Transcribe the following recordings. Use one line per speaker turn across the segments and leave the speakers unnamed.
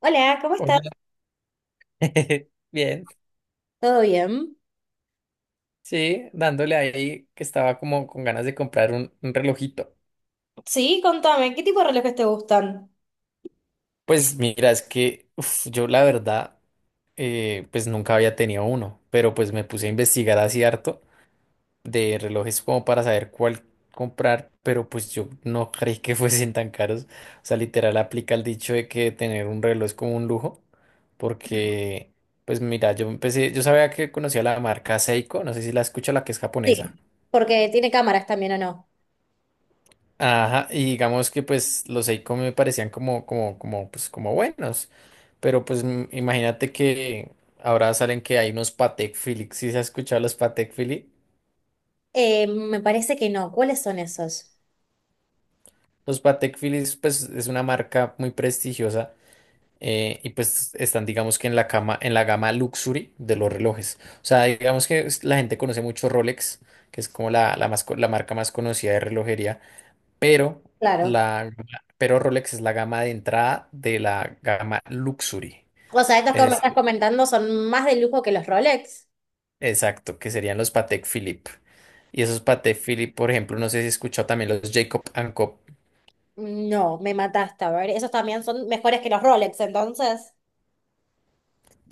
Hola, ¿cómo
Hola.
estás?
Bien,
¿Todo bien?
sí, dándole ahí que estaba como con ganas de comprar un relojito.
Sí, contame, ¿qué tipo de relojes te gustan?
Pues mira, es que uf, yo la verdad, pues nunca había tenido uno, pero pues me puse a investigar así harto de relojes como para saber cuál comprar, pero pues yo no creí que fuesen tan caros. O sea, literal aplica el dicho de que tener un reloj es como un lujo, porque pues mira, yo empecé, yo sabía que conocía la marca Seiko, no sé si la escucha, la que es japonesa.
Sí. Porque tiene cámaras también, ¿o no?
Ajá, y digamos que pues los Seiko me parecían pues como buenos, pero pues imagínate que ahora salen que hay unos Patek Philippe, ¿si se ha escuchado los Patek Philippe?
Me parece que no. ¿Cuáles son esos?
Los Patek Philippe pues es una marca muy prestigiosa, y pues están digamos que en la gama luxury de los relojes, o sea digamos que la gente conoce mucho Rolex, que es como más, la marca más conocida de relojería, pero
Claro.
la, pero Rolex es la gama de entrada de la gama Luxury.
O sea, estos que me
Es,
estás comentando son más de lujo que los Rolex.
exacto, que serían los Patek Philippe. Y esos Patek Philippe, por ejemplo, no sé si he escuchado también los Jacob and Co.
No, me mataste, a ver, esos también son mejores que los Rolex, entonces.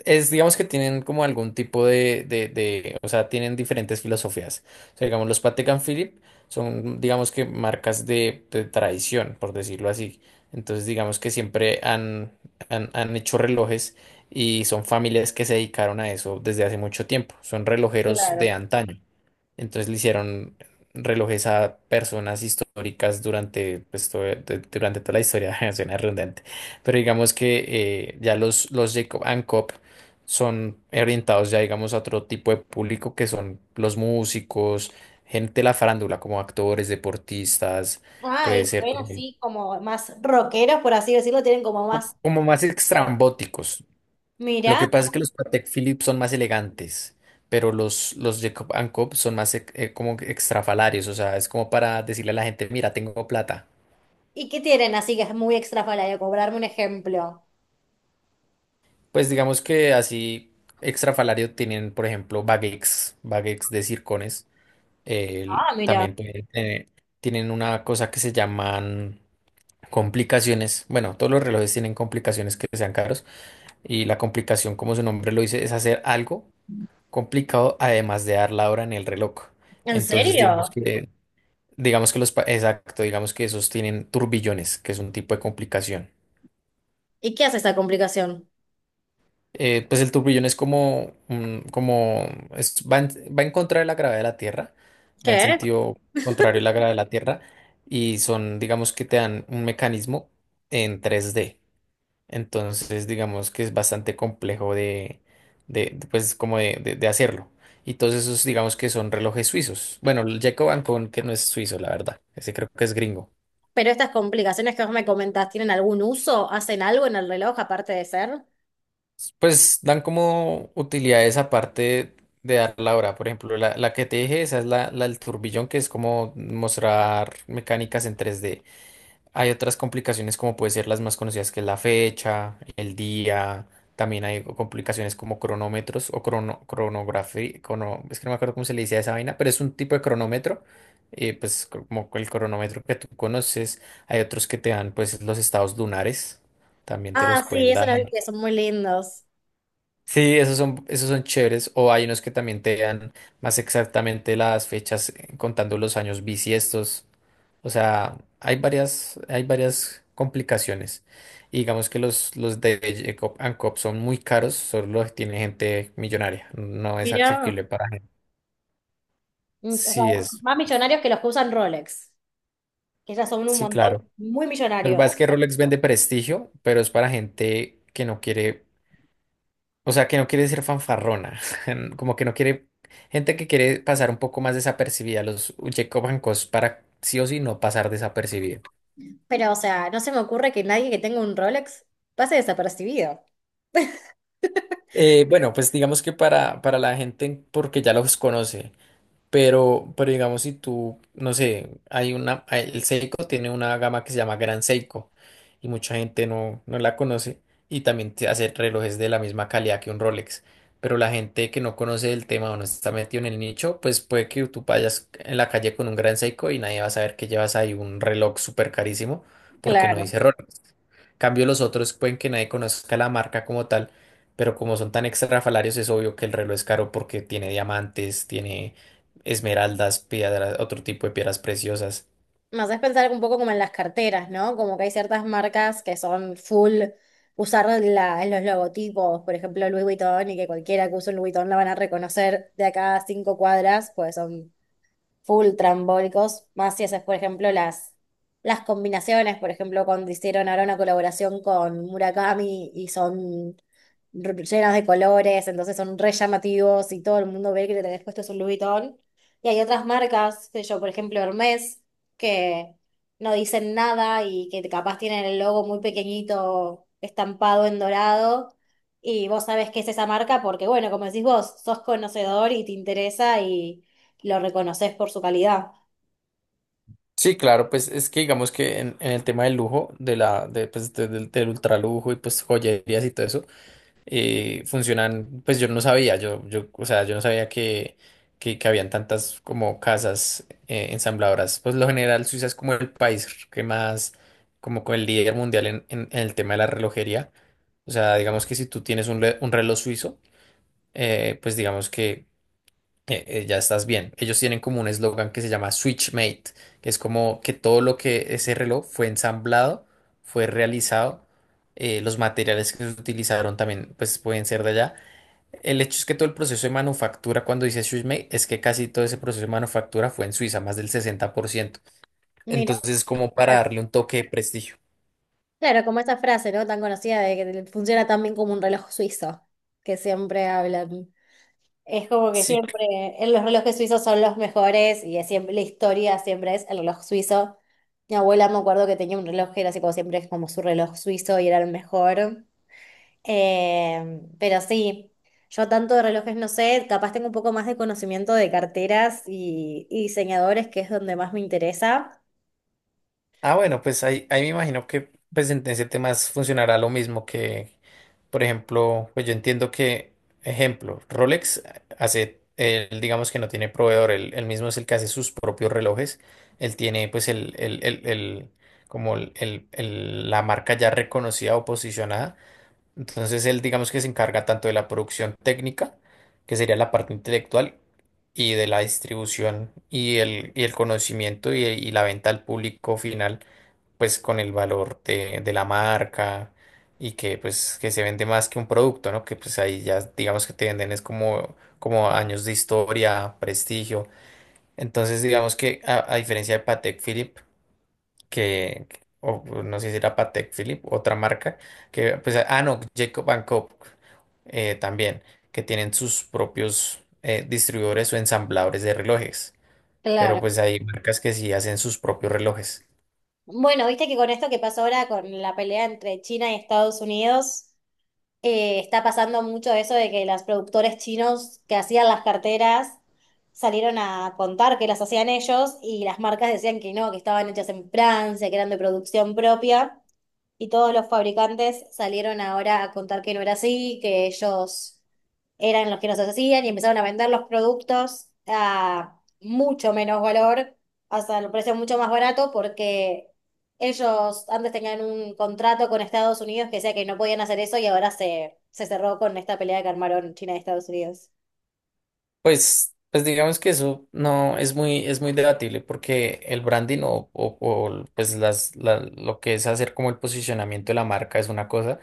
Es, digamos que tienen como algún tipo o sea, tienen diferentes filosofías. O sea, digamos, los Patek and Philippe son, digamos que marcas de tradición, por decirlo así. Entonces, digamos que siempre han hecho relojes y son familias que se dedicaron a eso desde hace mucho tiempo. Son relojeros de
Claro.
antaño. Entonces le hicieron relojes a personas históricas durante, pues, durante toda la historia, suena redundante, pero digamos que los Jacob and Coop son orientados ya, digamos, a otro tipo de público que son los músicos, gente de la farándula, como actores, deportistas,
Ah, y
puede
se
ser,
ven así como más rockeros, por así decirlo, tienen como más...
como más
Mira,
extrambóticos. Lo que pasa es que los Patek Philippe son más elegantes, pero los Jacob and Co. son más como que extrafalarios, o sea, es como para decirle a la gente, mira, tengo plata.
¿y qué tienen así que es muy extrafalario? Cobrarme un ejemplo.
Pues digamos que así extrafalario tienen, por ejemplo, baguettes, baguettes de circones.
Ah, mira.
También pueden tener, tienen una cosa que se llaman complicaciones. Bueno, todos los relojes tienen complicaciones que sean caros y la complicación, como su nombre lo dice, es hacer algo complicado, además de dar la hora en el reloj.
¿En
Entonces,
serio?
digamos que los, exacto, digamos que esos tienen turbillones, que es un tipo de complicación.
¿Y qué hace esta complicación?
Pues el turbillón es como, como es- va en, va en contra de la gravedad de la Tierra, va en
¿Qué?
sentido contrario a la gravedad de la Tierra, y son, digamos que te dan un mecanismo en 3D. Entonces, digamos que es bastante complejo pues, como de hacerlo. Y todos esos, digamos que son relojes suizos. Bueno, el Jacob Ancon, que no es suizo, la verdad. Ese creo que es gringo.
¿Pero estas complicaciones que vos me comentás tienen algún uso? ¿Hacen algo en el reloj aparte de ser?
Pues dan como utilidades aparte de dar la hora. Por ejemplo, la que te dije, esa es la del turbillón, que es como mostrar mecánicas en tres d. Hay otras complicaciones como puede ser las más conocidas, que es la fecha, el día, también hay complicaciones como cronómetros o cronografía, es que no me acuerdo cómo se le dice a esa vaina, pero es un tipo de cronómetro, pues como el cronómetro que tú conoces, hay otros que te dan pues los estados lunares, también te
Ah,
los
sí,
pueden dar.
esos los vi que son muy lindos.
Sí, esos son chéveres. O hay unos que también te dan más exactamente las fechas, contando los años bisiestos. O sea, hay varias complicaciones. Y digamos que los de Jacob and Coop son muy caros, solo los tiene gente millonaria. No es
Mirá.
accesible para gente.
Mm, o
Sí,
sea,
es,
más millonarios que los que usan Rolex, que ya son un
sí,
montón
claro.
muy
Lo que pasa es
millonarios.
que Rolex vende prestigio, pero es para gente que no quiere. O sea, que no quiere ser fanfarrona, como que no quiere, gente que quiere pasar un poco más desapercibida, los Jacob Hancock para sí o sí no pasar desapercibido.
Pero, o sea, no se me ocurre que nadie que tenga un Rolex pase desapercibido.
Bueno, pues digamos que para la gente, porque ya los conoce. Pero digamos, si tú, no sé, el Seiko tiene una gama que se llama Gran Seiko y mucha gente no la conoce, y también te hace relojes de la misma calidad que un Rolex. Pero la gente que no conoce el tema o no está metido en el nicho, pues puede que tú vayas en la calle con un Gran Seiko y nadie va a saber que llevas ahí un reloj súper carísimo porque no
Claro.
dice Rolex. Cambio los otros pueden que nadie conozca la marca como tal, pero como son tan extrafalarios es obvio que el reloj es caro porque tiene diamantes, tiene esmeraldas, piedras, otro tipo de piedras preciosas.
Me haces pensar un poco como en las carteras, ¿no? Como que hay ciertas marcas que son full usar los logotipos, por ejemplo Louis Vuitton, y que cualquiera que use un Louis Vuitton la van a reconocer de acá a cinco cuadras, pues son full trambólicos, más si haces, por ejemplo, las combinaciones, por ejemplo, cuando hicieron ahora una colaboración con Murakami y son llenas de colores, entonces son re llamativos y todo el mundo ve que le tenés puesto es un Louis Vuitton. Y hay otras marcas, qué sé yo, por ejemplo, Hermès, que no dicen nada y que capaz tienen el logo muy pequeñito estampado en dorado. Y vos sabés qué es esa marca porque, bueno, como decís vos, sos conocedor y te interesa lo reconoces por su calidad.
Sí, claro, pues es que digamos que en el tema del lujo, de la, de, pues, de- del, del ultralujo y pues joyerías y todo eso, funcionan, pues yo no sabía, o sea, yo no sabía que habían tantas como casas, ensambladoras. Pues lo general Suiza es como el país que más, como con el líder mundial en el tema de la relojería. O sea, digamos que si tú tienes un, un reloj suizo, pues digamos que ya estás bien. Ellos tienen como un eslogan que se llama Switch Made, que es como que todo lo que ese reloj fue ensamblado, fue realizado. Los materiales que se utilizaron también pues pueden ser de allá. El hecho es que todo el proceso de manufactura, cuando dice Suisse, es que casi todo ese proceso de manufactura fue en Suiza, más del 60%.
Mirá,
Entonces, es como para
claro.
darle un toque de prestigio.
Claro, como esa frase, ¿no? Tan conocida de que funciona tan bien como un reloj suizo, que siempre hablan. Es como que
Sí.
siempre los relojes suizos son los mejores y es siempre, la historia siempre es el reloj suizo. Mi abuela me acuerdo que tenía un reloj que era así como siempre es como su reloj suizo y era el mejor. Pero sí, yo tanto de relojes no sé, capaz tengo un poco más de conocimiento de carteras y diseñadores, que es donde más me interesa.
Ah, bueno, pues ahí, ahí me imagino que pues, en ese tema funcionará lo mismo que, por ejemplo, pues yo entiendo que, ejemplo, Rolex hace, él, digamos que no tiene proveedor, él mismo es el que hace sus propios relojes. Él tiene, pues, como la marca ya reconocida o posicionada. Entonces él, digamos que se encarga tanto de la producción técnica, que sería la parte intelectual, y de la distribución y el conocimiento y la venta al público final, pues con el valor de la marca y que pues que se vende más que un producto, ¿no? Que pues ahí ya digamos que te venden es como, como años de historia, prestigio. Entonces digamos que a diferencia de Patek Philippe, que, o pues, no sé si era Patek Philippe, otra marca, que, pues, ah, no, Jacob Cope, también, que tienen sus propios, distribuidores o ensambladores de relojes, pero
Claro.
pues hay marcas que sí hacen sus propios relojes.
Bueno, viste que con esto que pasó ahora, con la pelea entre China y Estados Unidos, está pasando mucho eso de que los productores chinos que hacían las carteras salieron a contar que las hacían ellos y las marcas decían que no, que estaban hechas en Francia, que eran de producción propia. Y todos los fabricantes salieron ahora a contar que no era así, que ellos eran los que nos hacían y empezaron a vender los productos a mucho menos valor, hasta el precio mucho más barato, porque ellos antes tenían un contrato con Estados Unidos que decía que no podían hacer eso y ahora se cerró con esta pelea que armaron China y Estados Unidos.
Pues digamos que eso no es muy, es muy debatible porque el branding pues lo que es hacer como el posicionamiento de la marca es una cosa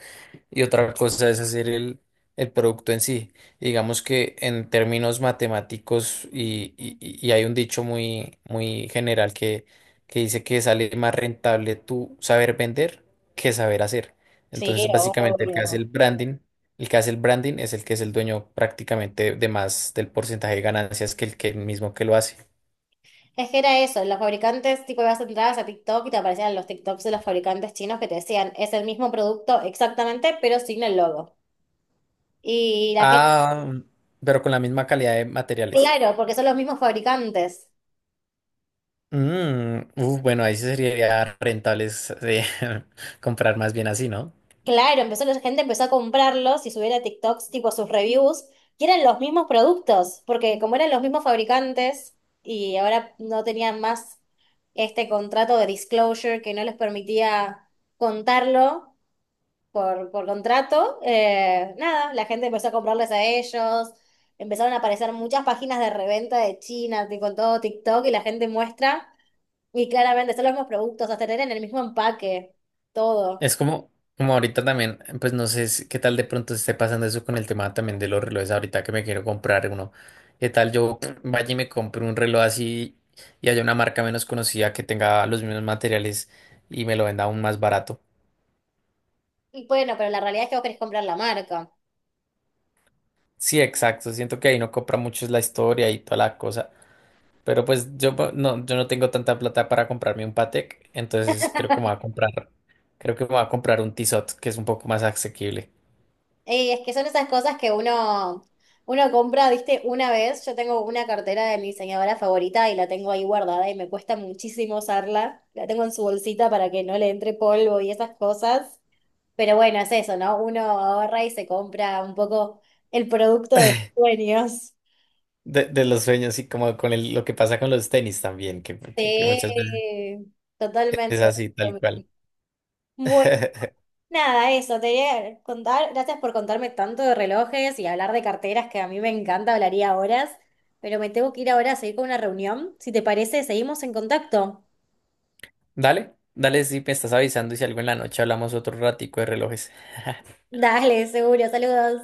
y otra cosa es hacer el producto en sí. Digamos que en términos matemáticos y hay un dicho muy, muy general que dice que sale más rentable tú saber vender que saber hacer.
Sí,
Entonces, básicamente el que hace
obvio.
el branding, el que hace el branding es el que es el dueño prácticamente de más del porcentaje de ganancias que el mismo que lo hace.
Es que era eso, los fabricantes, tipo, ibas entradas a TikTok y te aparecían los TikToks de los fabricantes chinos que te decían, es el mismo producto exactamente, pero sin el logo. Y la gente,
Ah, pero con la misma calidad de materiales.
claro, porque son los mismos fabricantes.
Bueno, ahí sí sería rentables de comprar más bien así, ¿no?
Claro, empezó, la gente empezó a comprarlos y subir a TikToks, tipo, sus reviews, y eran los mismos productos, porque como eran los mismos fabricantes y ahora no tenían más este contrato de disclosure que no les permitía contarlo. Por contrato, nada, la gente empezó a comprarles a ellos, empezaron a aparecer muchas páginas de reventa de China, con todo TikTok, y la gente muestra, y claramente son los mismos productos, hasta tener en el mismo empaque, todo.
Es como, como ahorita también, pues no sé qué tal de pronto esté pasando eso con el tema también de los relojes ahorita que me quiero comprar uno. ¿Qué tal yo vaya y me compre un reloj así y haya una marca menos conocida que tenga los mismos materiales y me lo venda aún más barato?
Y bueno, pero la realidad es que vos querés comprar la marca.
Sí, exacto. Siento que ahí no compra mucho es la historia y toda la cosa. Pero pues yo no, yo no tengo tanta plata para comprarme un Patek, entonces creo que me voy a comprar, creo que me voy a comprar un Tissot, que es un poco más asequible.
Y es que son esas cosas que uno compra, viste, una vez, yo tengo una cartera de mi diseñadora favorita y la tengo ahí guardada y me cuesta muchísimo usarla, la tengo en su bolsita para que no le entre polvo y esas cosas. Pero bueno, es eso, ¿no? Uno ahorra y se compra un poco el producto de sus sueños.
De los sueños y como con lo que pasa con los tenis también, que muchas veces
Sí,
es
totalmente.
así, tal cual.
Bueno, nada, eso, te quería contar, gracias por contarme tanto de relojes y hablar de carteras que a mí me encanta, hablaría horas, pero me tengo que ir ahora a seguir con una reunión. Si te parece, seguimos en contacto.
Dale, dale, si me estás avisando y si algo en la noche hablamos otro ratico de relojes.
Dale, seguro, saludos.